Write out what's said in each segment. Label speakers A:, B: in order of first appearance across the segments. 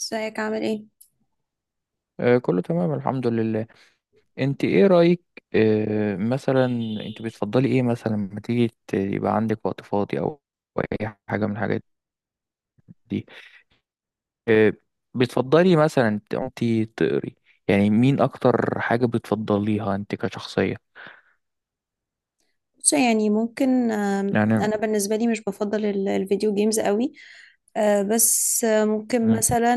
A: ازيك، عامل ايه؟
B: كله تمام الحمد لله. انت ايه رأيك؟ مثلا انت بتفضلي ايه مثلا لما تيجي يبقى عندك وقت فاضي او أو اي حاجة من الحاجات دي. آه، بتفضلي مثلا انت تقري، يعني مين اكتر حاجة بتفضليها انت كشخصية؟
A: بص، يعني ممكن
B: يعني.
A: انا بالنسبه لي مش بفضل الفيديو جيمز قوي. بس ممكن
B: امم
A: مثلا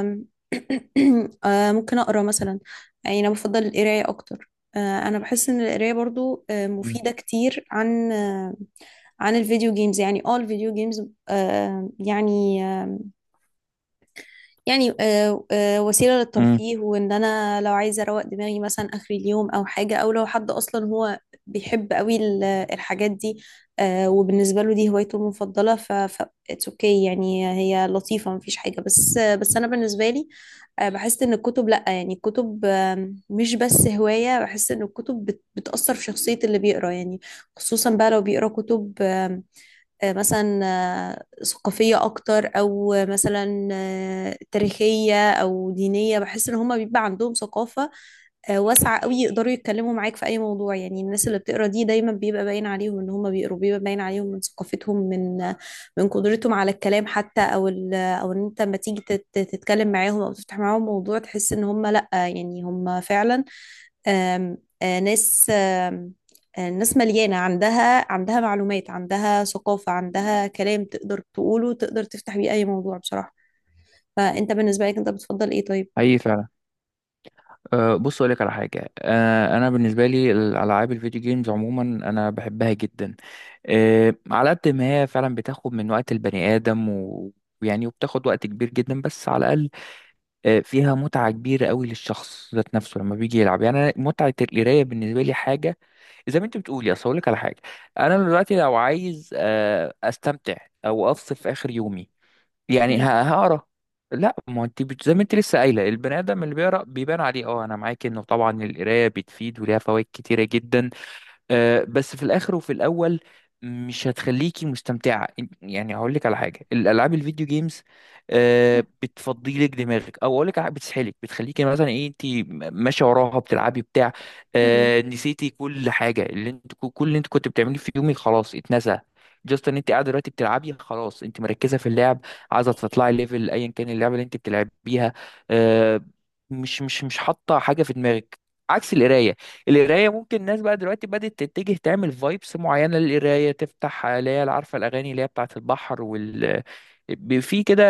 A: آم، ممكن اقرا مثلا. يعني انا بفضل القرايه اكتر. آه، انا بحس ان القرايه برضو مفيده كتير عن عن الفيديو جيمز، يعني الفيديو جيمز آه، يعني يعني وسيلة
B: امم
A: للترفيه، وان انا لو عايزة اروق دماغي مثلا اخر اليوم، او حاجة، او لو حد اصلا هو بيحب قوي الحاجات دي. وبالنسبة له دي هوايته المفضلة، ف اتس اوكي، يعني هي لطيفة، مفيش حاجة، بس انا بالنسبة لي بحس ان الكتب، لا يعني الكتب مش بس هواية، بحس ان الكتب بتأثر في شخصية اللي بيقرا يعني. خصوصا بقى لو بيقرا كتب مثلا ثقافية أكتر، أو مثلا تاريخية أو دينية، بحس إن هما بيبقى عندهم ثقافة واسعة قوي، يقدروا يتكلموا معاك في أي موضوع. يعني الناس اللي بتقرا دي دايما بيبقى باين عليهم إن هما بيقروا، بيبقى باين عليهم من ثقافتهم، من قدرتهم على الكلام حتى، أو أو إن أنت لما تيجي تتكلم معاهم أو تفتح معاهم موضوع تحس إن هما لأ، يعني هما فعلا آم، آه، ناس. الناس مليانة عندها معلومات، عندها ثقافة، عندها كلام تقدر تقوله، تقدر تفتح بيه أي موضوع بصراحة. فأنت بالنسبة لك أنت بتفضل إيه طيب؟
B: اي فعلا. أه بص اقول لك على حاجه، أه انا بالنسبه لي الالعاب الفيديو جيمز عموما انا بحبها جدا. أه على قد ما هي فعلا بتاخد من وقت البني ادم ويعني وبتاخد وقت كبير جدا، بس على الاقل أه فيها متعه كبيره قوي للشخص ذات نفسه لما بيجي يلعب. يعني أنا متعه القرايه بالنسبه لي حاجه زي ما انت بتقولي، اصل اقول لك على حاجه، انا دلوقتي لو عايز أه استمتع او افصل في اخر يومي، يعني
A: مم.
B: هقرا. لا ما انت زي ما انت لسه قايله البني ادم اللي بيقرا بيبان عليه، اه انا معاك انه طبعا القرايه بتفيد وليها فوائد كتيره جدا. بس في الاخر وفي الاول مش هتخليكي مستمتعه. يعني هقول لك على حاجه، الالعاب الفيديو جيمز
A: مم.
B: بتفضي لك دماغك، او اقول لك بتسحلك، بتخليكي مثلا ايه انت ماشيه وراها بتلعبي بتاع.
A: مم.
B: نسيتي كل حاجه اللي انت، كل اللي انت كنت بتعمليه في يومك خلاص اتنسى. جاست ان انت قاعده دلوقتي بتلعبي، خلاص انت مركزه في اللعب، عايزه تطلعي ليفل ايا كان اللعبه اللي انت بتلعبيها. آه، مش حاطه حاجه في دماغك، عكس القرايه. القرايه ممكن الناس بقى دلوقتي بدات تتجه تعمل فايبس معينه للقرايه، تفتح اللي هي عارفه الاغاني اللي هي بتاعه البحر في كده،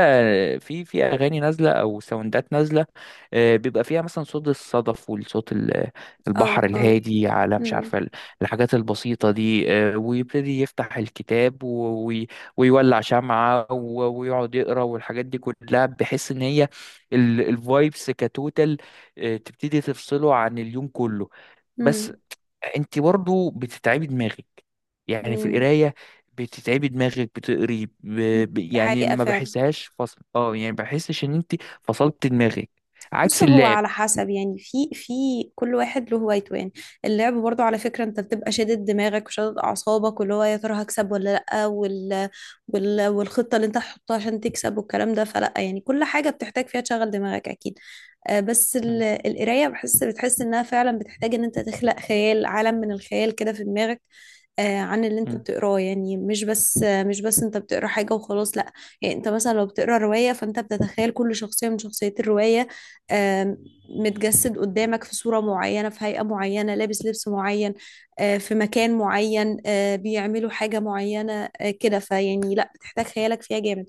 B: في اغاني نازله او ساوندات نازله، بيبقى فيها مثلا صوت الصدف والصوت
A: اه،
B: البحر
A: اه.
B: الهادي، على مش
A: مم.
B: عارفه الحاجات البسيطه دي. ويبتدي يفتح الكتاب ويولع شمعه ويقعد يقرا، والحاجات دي كلها بحيث ان هي الفايبس كتوتال تبتدي تفصله عن اليوم كله. بس
A: مم.
B: انت برضو بتتعبي دماغك، يعني في
A: مم.
B: القرايه بتتعبي دماغك،
A: مم. دي
B: يعني
A: حقيقة
B: ما
A: فعلا.
B: بحسهاش فصل، اه يعني ما بحسش ان انت فصلت دماغك،
A: بص،
B: عكس
A: هو
B: اللعب.
A: على حسب، يعني في كل واحد له هوايته يعني. اللعب برضو على فكرة انت بتبقى شادد دماغك وشادد اعصابك، واللي هو يا ترى هكسب ولا لا، والخطة اللي انت هتحطها عشان تكسب والكلام ده. فلا يعني كل حاجة بتحتاج فيها تشغل دماغك اكيد. بس
B: مم.
A: القراية بتحس إنها فعلا بتحتاج إن أنت تخلق خيال، عالم من الخيال كده في دماغك عن اللي أنت
B: مم.
A: بتقراه، يعني مش بس أنت بتقرا حاجة وخلاص، لأ. يعني أنت مثلا لو بتقرا رواية فأنت بتتخيل كل شخصية من شخصيات الرواية، آه، متجسد قدامك في صورة معينة، في هيئة معينة، لابس لبس معين، في مكان معين، بيعملوا حاجة معينة كده. فيعني لأ، بتحتاج خيالك فيها جامد.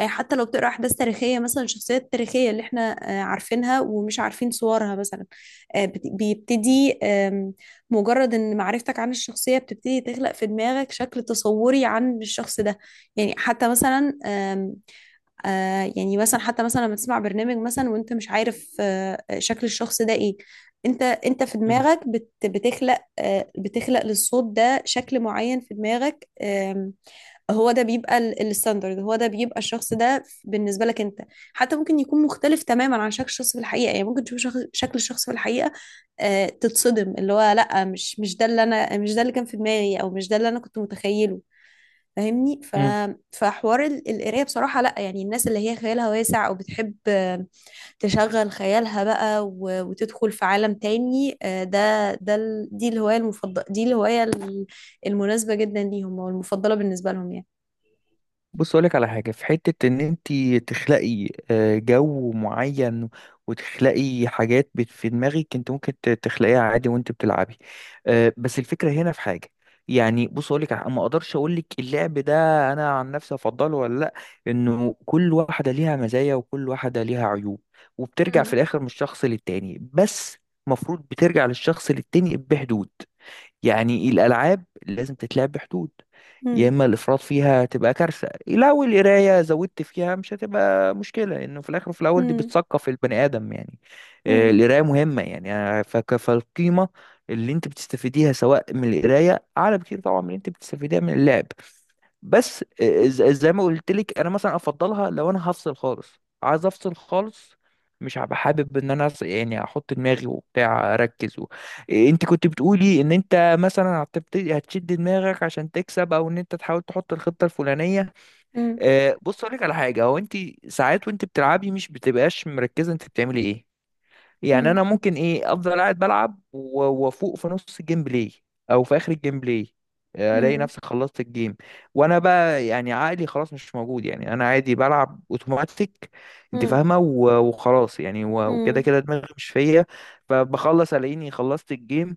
A: حتى لو بتقرا احداث تاريخيه، مثلا الشخصيات التاريخيه اللي احنا عارفينها ومش عارفين صورها مثلا، بيبتدي، مجرد ان معرفتك عن الشخصيه بتبتدي تخلق في دماغك شكل تصوري عن الشخص ده. يعني حتى مثلا آم، آه، يعني مثلا حتى مثلا لما تسمع برنامج مثلا وانت مش عارف شكل الشخص ده ايه، انت في دماغك بتخلق للصوت ده شكل معين في دماغك هو ده بيبقى الستاندرد، هو ده بيبقى الشخص ده بالنسبة لك انت. حتى ممكن يكون مختلف تماما عن شكل الشخص في الحقيقة، يعني ممكن تشوف شكل الشخص في الحقيقة تتصدم، اللي هو لا مش ده اللي انا، مش ده اللي كان في دماغي، او مش ده اللي انا كنت متخيله. فاهمني؟ ف
B: مم.
A: فحوار القرايه بصراحه، لا يعني الناس اللي هي خيالها واسع او بتحب تشغل خيالها بقى وتدخل في عالم تاني، دي الهوايه المفضله، دي الهوايه المناسبه جدا ليهم، او المفضله بالنسبه لهم
B: بص اقولك على حاجه، في حته ان انت تخلقي جو معين وتخلقي حاجات في دماغك، انت ممكن تخلقيها عادي وانت بتلعبي. بس الفكره هنا في حاجه، يعني بص اقولك ما اقدرش اقولك اللعب ده انا عن نفسي افضله ولا لا، انه كل واحده ليها مزايا وكل واحده ليها عيوب، وبترجع في
A: يعني.
B: الاخر من الشخص للتاني. بس المفروض بترجع للشخص للتاني بحدود، يعني الألعاب لازم تتلعب بحدود، يا إما الإفراط فيها تبقى كارثة. لو القراية زودت فيها مش هتبقى مشكلة، لأنه في الآخر وفي الأول دي بتثقف البني آدم. يعني القراية مهمة، يعني فالقيمة اللي أنت بتستفيديها سواء من القراية أعلى بكتير طبعا من اللي أنت بتستفيديها من اللعب. بس زي ما قلت لك، انا مثلا افضلها لو انا هفصل خالص، عايز افصل خالص، مش هبقى حابب ان انا يعني احط دماغي وبتاع اركز و... انت كنت بتقولي ان انت مثلا هتبتدي هتشد دماغك عشان تكسب او ان انت تحاول تحط الخطة الفلانية. بص اقول لك على حاجة، هو انت ساعات وانت بتلعبي مش بتبقاش مركزة، انت بتعملي ايه؟ يعني انا
A: 嗯嗯嗯嗯嗯嗯嗯嗯嗯，嗯，دي
B: ممكن ايه افضل قاعد بلعب و- وافوق في نص الجيم بلاي او في اخر الجيم بلاي، الاقي نفسي خلصت الجيم وانا بقى يعني عقلي خلاص مش موجود، يعني انا عادي بلعب اوتوماتيك، انت فاهمه وخلاص، يعني وكده كده دماغي مش فيا، فبخلص الاقيني خلصت الجيم.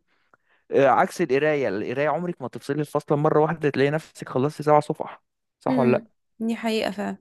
B: عكس القرايه، القرايه عمرك ما تفصلي الفصل مره واحده تلاقي نفسك خلصتي سبع صفح، صح ولا؟
A: حقيقة فعلا.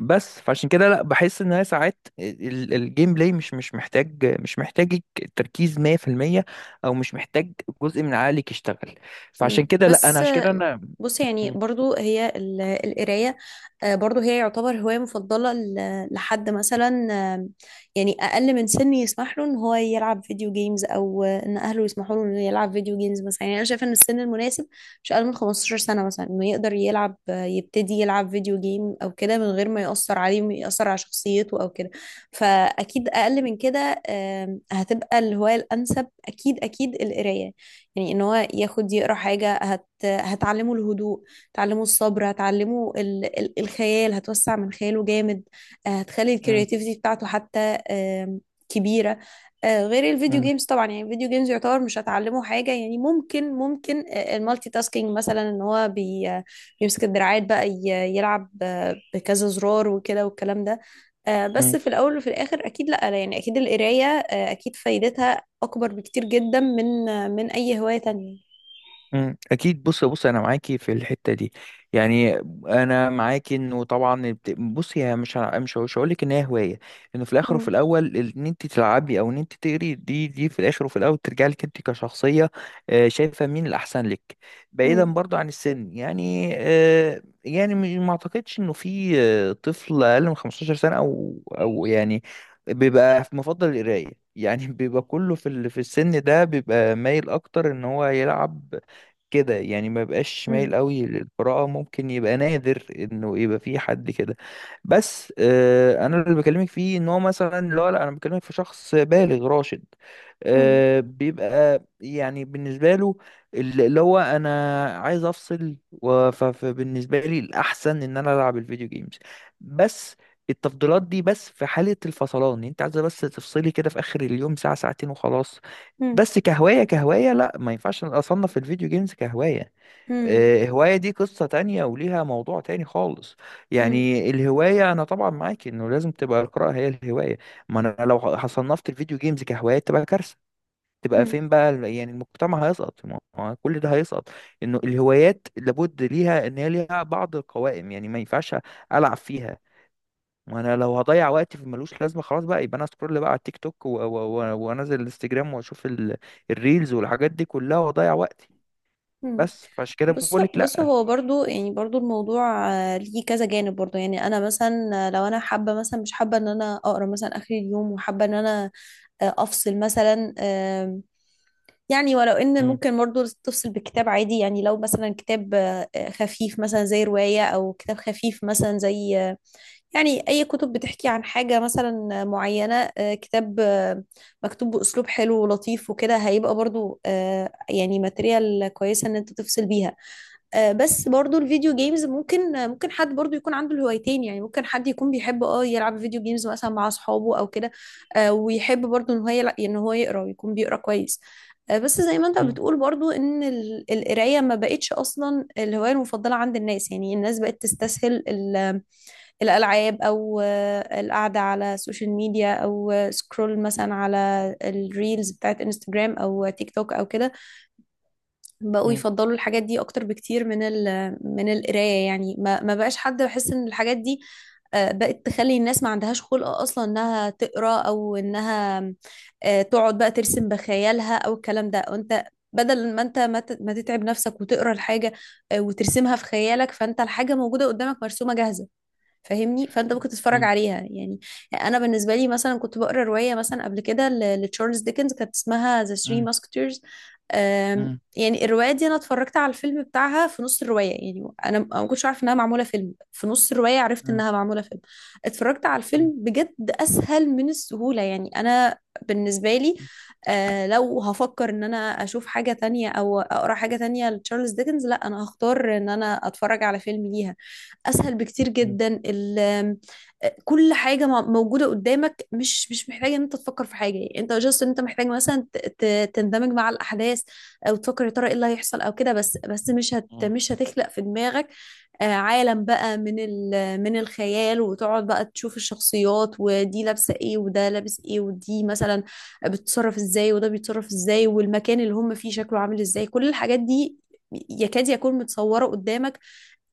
B: بس فعشان كده لا، بحس ان هي ساعات الجيم بلاي مش مش محتاج، مش محتاجك تركيز 100%، او مش محتاج جزء من عقلك يشتغل، فعشان
A: مم.
B: كده لا انا
A: بس
B: عشان كده
A: آه،
B: انا.
A: بص، يعني
B: م-
A: برضو هي القراية برضو هي يعتبر هواية مفضلة لحد مثلا آه، يعني أقل من سن يسمح له إن هو يلعب فيديو جيمز، أو إن أهله يسمحوا له إنه يلعب فيديو جيمز مثلا. يعني أنا شايفة إن السن المناسب مش أقل من 15 سنة مثلا، إنه يقدر يلعب يبتدي يلعب فيديو جيم أو كده من غير ما يأثر عليه ويأثر على شخصيته أو كده. فأكيد أقل من كده هتبقى الهواية الأنسب، أكيد أكيد القراية. يعني ان هو ياخد يقرا حاجه هتعلمه الهدوء، هتعلمه الصبر، هتعلمه الخيال، هتوسع من خياله جامد. هتخلي
B: م-
A: الكرياتيفيتي بتاعته حتى آم، كبيره. غير الفيديو جيمز طبعا، يعني الفيديو جيمز يعتبر مش هتعلمه حاجه، يعني ممكن المالتي تاسكينج مثلا، ان هو بيمسك الدراعات بقى يلعب بكذا زرار وكده والكلام ده. بس
B: م-
A: في الاول وفي الاخر اكيد لا، لا يعني اكيد القرايه اكيد فايدتها أكبر بكتير جدا من من أي هواية تانية.
B: مم، اكيد. بص انا معاكي في الحته دي، يعني انا معاكي انه طبعا بصي، هي مش هقول لك ان هي هوايه، انه في الاخر وفي
A: مم.
B: الاول ان انت تلعبي او ان انت تقري دي في الاخر وفي الاول ترجع لك انت كشخصيه. شايفه مين الاحسن لك؟ بعيدا
A: مم.
B: برضو عن السن، يعني يعني ما اعتقدش انه في طفل اقل من 15 سنه او او يعني بيبقى مفضل القرايه، يعني بيبقى كله في في السن ده بيبقى مايل اكتر ان هو يلعب كده، يعني ما يبقاش
A: مم.
B: مايل قوي للقراءة، ممكن يبقى نادر انه يبقى في حد كده. بس آه انا اللي بكلمك فيه ان هو مثلا لا لا، انا بكلمك في شخص بالغ راشد،
A: مم.
B: آه بيبقى يعني بالنسبة له اللي هو انا عايز افصل، فبالنسبة لي الاحسن ان انا العب الفيديو جيمز. بس التفضيلات دي بس في حالة الفصلان، يعني انت عايزة بس تفصلي كده في اخر اليوم ساعة ساعتين وخلاص.
A: مم.
B: بس كهواية، كهواية لا ما ينفعش أصنف الفيديو جيمز كهواية.
A: مم.
B: هواية دي قصة تانية وليها موضوع تاني خالص.
A: مم.
B: يعني الهواية أنا طبعا معاك إنه لازم تبقى القراءة هي الهواية، ما أنا لو صنفت الفيديو جيمز كهواية تبقى كارثة، تبقى
A: مم.
B: فين بقى يعني المجتمع هيسقط، ما هو كل ده هيسقط. إنه الهوايات لابد ليها إن هي ليها بعض القوائم، يعني ما ينفعش ألعب فيها، ما انا لو هضيع وقتي في ملوش لازمه خلاص بقى، يبقى انا اسكرول بقى على التيك توك وانزل الانستجرام واشوف الريلز والحاجات دي كلها واضيع وقتي.
A: مم.
B: بس فعشان كده
A: بص،
B: بقول لك
A: بص،
B: لا.
A: هو برضو، يعني برضو الموضوع ليه كذا جانب برضو. يعني انا مثلا لو انا حابه، مثلا مش حابه ان انا اقرا مثلا اخر اليوم، وحابه ان انا افصل مثلا يعني ولو ان
B: مم،
A: ممكن برضو تفصل بكتاب عادي. يعني لو مثلا كتاب خفيف مثلا زي روايه، او كتاب خفيف مثلا زي يعني أي كتب بتحكي عن حاجة مثلا معينة، كتاب مكتوب بأسلوب حلو ولطيف وكده، هيبقى برضو يعني ماتريال كويسة إن أنت تفصل بيها. بس برضو الفيديو جيمز ممكن حد برضو يكون عنده الهوايتين. يعني ممكن حد يكون بيحب اه يلعب فيديو جيمز مثلا مع أصحابه أو كده، ويحب برضو إن هو إن هو يقرأ ويكون بيقرأ كويس. بس زي ما انت
B: مم،
A: بتقول، برضو ان القراية ما بقتش اصلا الهواية المفضلة عند الناس. يعني الناس بقت تستسهل ال الألعاب، أو القعدة على السوشيال ميديا، أو سكرول مثلا على الريلز بتاعت انستجرام أو تيك توك أو كده. بقوا
B: مم،
A: يفضلوا الحاجات دي أكتر بكتير من ال من القراية. يعني ما بقاش حد بحس إن الحاجات دي بقت تخلي الناس ما عندهاش خلق أصلا إنها تقرأ، أو إنها تقعد بقى ترسم بخيالها أو الكلام ده. وأنت بدل ما انت ما تتعب نفسك وتقرا الحاجه وترسمها في خيالك، فانت الحاجه موجوده قدامك، مرسومه جاهزه، فاهمني؟ فانت ممكن تتفرج
B: مم،
A: عليها يعني. انا بالنسبه لي مثلا كنت بقرا روايه مثلا قبل كده لتشارلز ديكنز، كانت اسمها ذا ثري
B: مم،
A: ماسكتيرز.
B: مم،
A: يعني الروايه دي انا اتفرجت على الفيلم بتاعها في نص الروايه. يعني انا أنا ما كنتش عارفه انها معموله فيلم، في نص الروايه عرفت
B: مم،
A: انها معموله فيلم. اتفرجت على
B: مم،
A: الفيلم بجد، اسهل من السهوله. يعني انا بالنسبه لي، آه لو هفكر ان انا اشوف حاجه تانية او اقرا حاجه تانية لتشارلز ديكنز، لا انا هختار ان انا اتفرج على فيلم ليها، اسهل بكتير
B: مم،
A: جدا. كل حاجه موجوده قدامك، مش مش محتاج ان انت تفكر في حاجه. يعني انت جاست ان انت محتاج مثلا تندمج مع الاحداث، او تفكر يا ترى ايه اللي هيحصل او كده. بس مش هتخلق في دماغك عالم بقى من ال من الخيال، وتقعد بقى تشوف الشخصيات، ودي لابسه ايه وده لابس ايه، ودي مثلا بتتصرف ازاي وده بيتصرف ازاي، والمكان اللي هم فيه شكله عامل ازاي. كل الحاجات دي يكاد يكون متصوره قدامك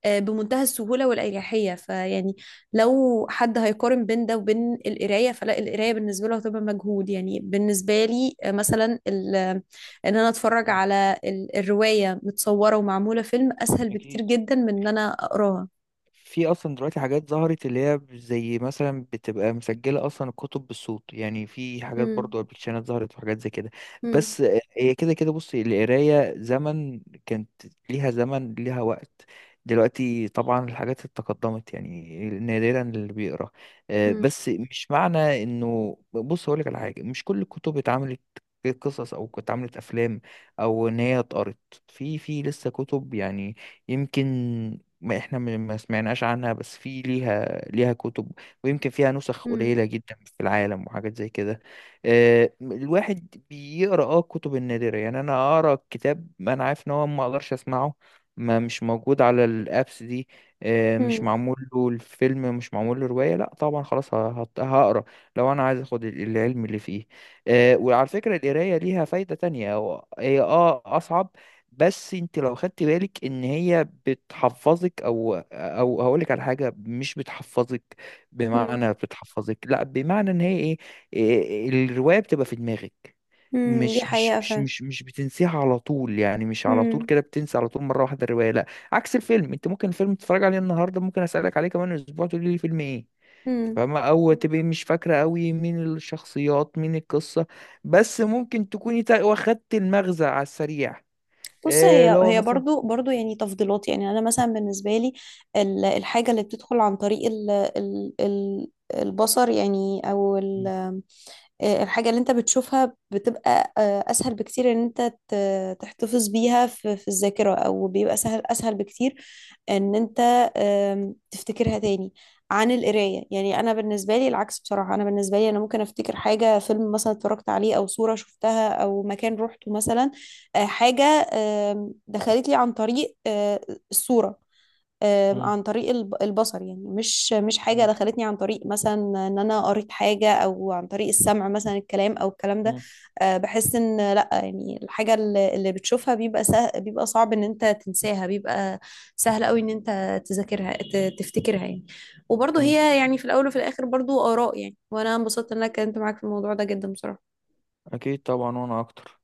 A: بمنتهى السهولة والأريحية. فيعني لو حد هيقارن بين ده وبين القراية فلا، القراية بالنسبة له هتبقى مجهود. يعني بالنسبة لي مثلا إن أنا أتفرج
B: مم،
A: على الرواية متصورة ومعمولة فيلم، أسهل بكتير
B: أكيد.
A: جدا من إن أنا أقراها.
B: في اصلا دلوقتي حاجات ظهرت، اللي هي زي مثلا بتبقى مسجله اصلا الكتب بالصوت، يعني في حاجات
A: مم.
B: برضو ابلكيشنات ظهرت وحاجات زي كده.
A: مم.
B: بس هي كده كده، بص القرايه زمن كانت ليها زمن، ليها وقت. دلوقتي طبعا الحاجات اتقدمت، يعني نادرا اللي بيقرا.
A: مم.
B: بس مش معنى انه، بص هقول لك على حاجه، مش كل الكتب اتعملت قصص او اتعملت افلام او ان هي اتقرت، في لسه كتب يعني، يمكن ما احنا ما سمعناش عنها، بس في ليها، ليها كتب، ويمكن فيها نسخ
A: مم.
B: قليلة جدا في العالم وحاجات زي كده. الواحد بيقرأ اه الكتب النادرة، يعني انا اقرأ كتاب ما انا عارف ان هو ما اقدرش اسمعه، ما مش موجود على الابس دي، مش
A: مم.
B: معمول له الفيلم، مش معمول له رواية، لا طبعا خلاص هقرأ لو انا عايز اخد العلم اللي فيه. وعلى فكرة القراية ليها فايدة تانية، هي اه اصعب، بس انت لو خدت بالك ان هي بتحفظك، او او هقولك على حاجه مش بتحفظك بمعنى بتحفظك، لا بمعنى ان هي ايه، الروايه بتبقى في دماغك،
A: مم. دي
B: مش مش
A: حقيقة
B: مش
A: فعلا.
B: مش مش بتنسيها على طول، يعني مش على طول
A: مم.
B: كده بتنسى على طول مره واحده الروايه لا. عكس الفيلم، انت ممكن الفيلم تتفرج عليه النهارده ممكن اسالك عليه كمان اسبوع تقولي لي فيلم ايه،
A: مم.
B: فاهمة، او تبقي مش فاكره قوي مين الشخصيات مين القصه، بس ممكن تكوني واخدت المغزى على السريع.
A: بص،
B: اللي
A: هي
B: هو
A: هي
B: مثلا.
A: برضو برضو يعني تفضيلات. يعني انا مثلا بالنسبه لي الحاجه اللي بتدخل عن طريق ال ال ال البصر يعني، او ال
B: مم.
A: الحاجة اللي انت بتشوفها بتبقى اسهل بكتير ان انت تحتفظ بيها في الذاكرة، او بيبقى سهل اسهل بكتير ان انت تفتكرها تاني عن القراية. يعني انا بالنسبة لي العكس بصراحة، انا بالنسبة لي انا ممكن افتكر حاجة فيلم مثلا اتفرجت عليه، او صورة شفتها، او مكان روحته مثلا حاجة دخلت لي عن طريق الصورة
B: مم.
A: عن طريق البصر. يعني مش مش حاجة
B: مم.
A: دخلتني عن طريق مثلا ان انا قريت حاجة، او عن طريق السمع مثلا، الكلام او الكلام ده.
B: مم.
A: بحس ان لا، يعني الحاجة اللي بتشوفها بيبقى بيبقى صعب ان انت تنساها، بيبقى سهل قوي ان انت تذاكرها، تفتكرها يعني. وبرضه
B: مم.
A: هي يعني في الاول وفي الاخر برضه آراء يعني. وانا انبسطت ان انا اتكلمت معاك في الموضوع ده جدا بصراحة.
B: اكيد طبعا وانا اكتر.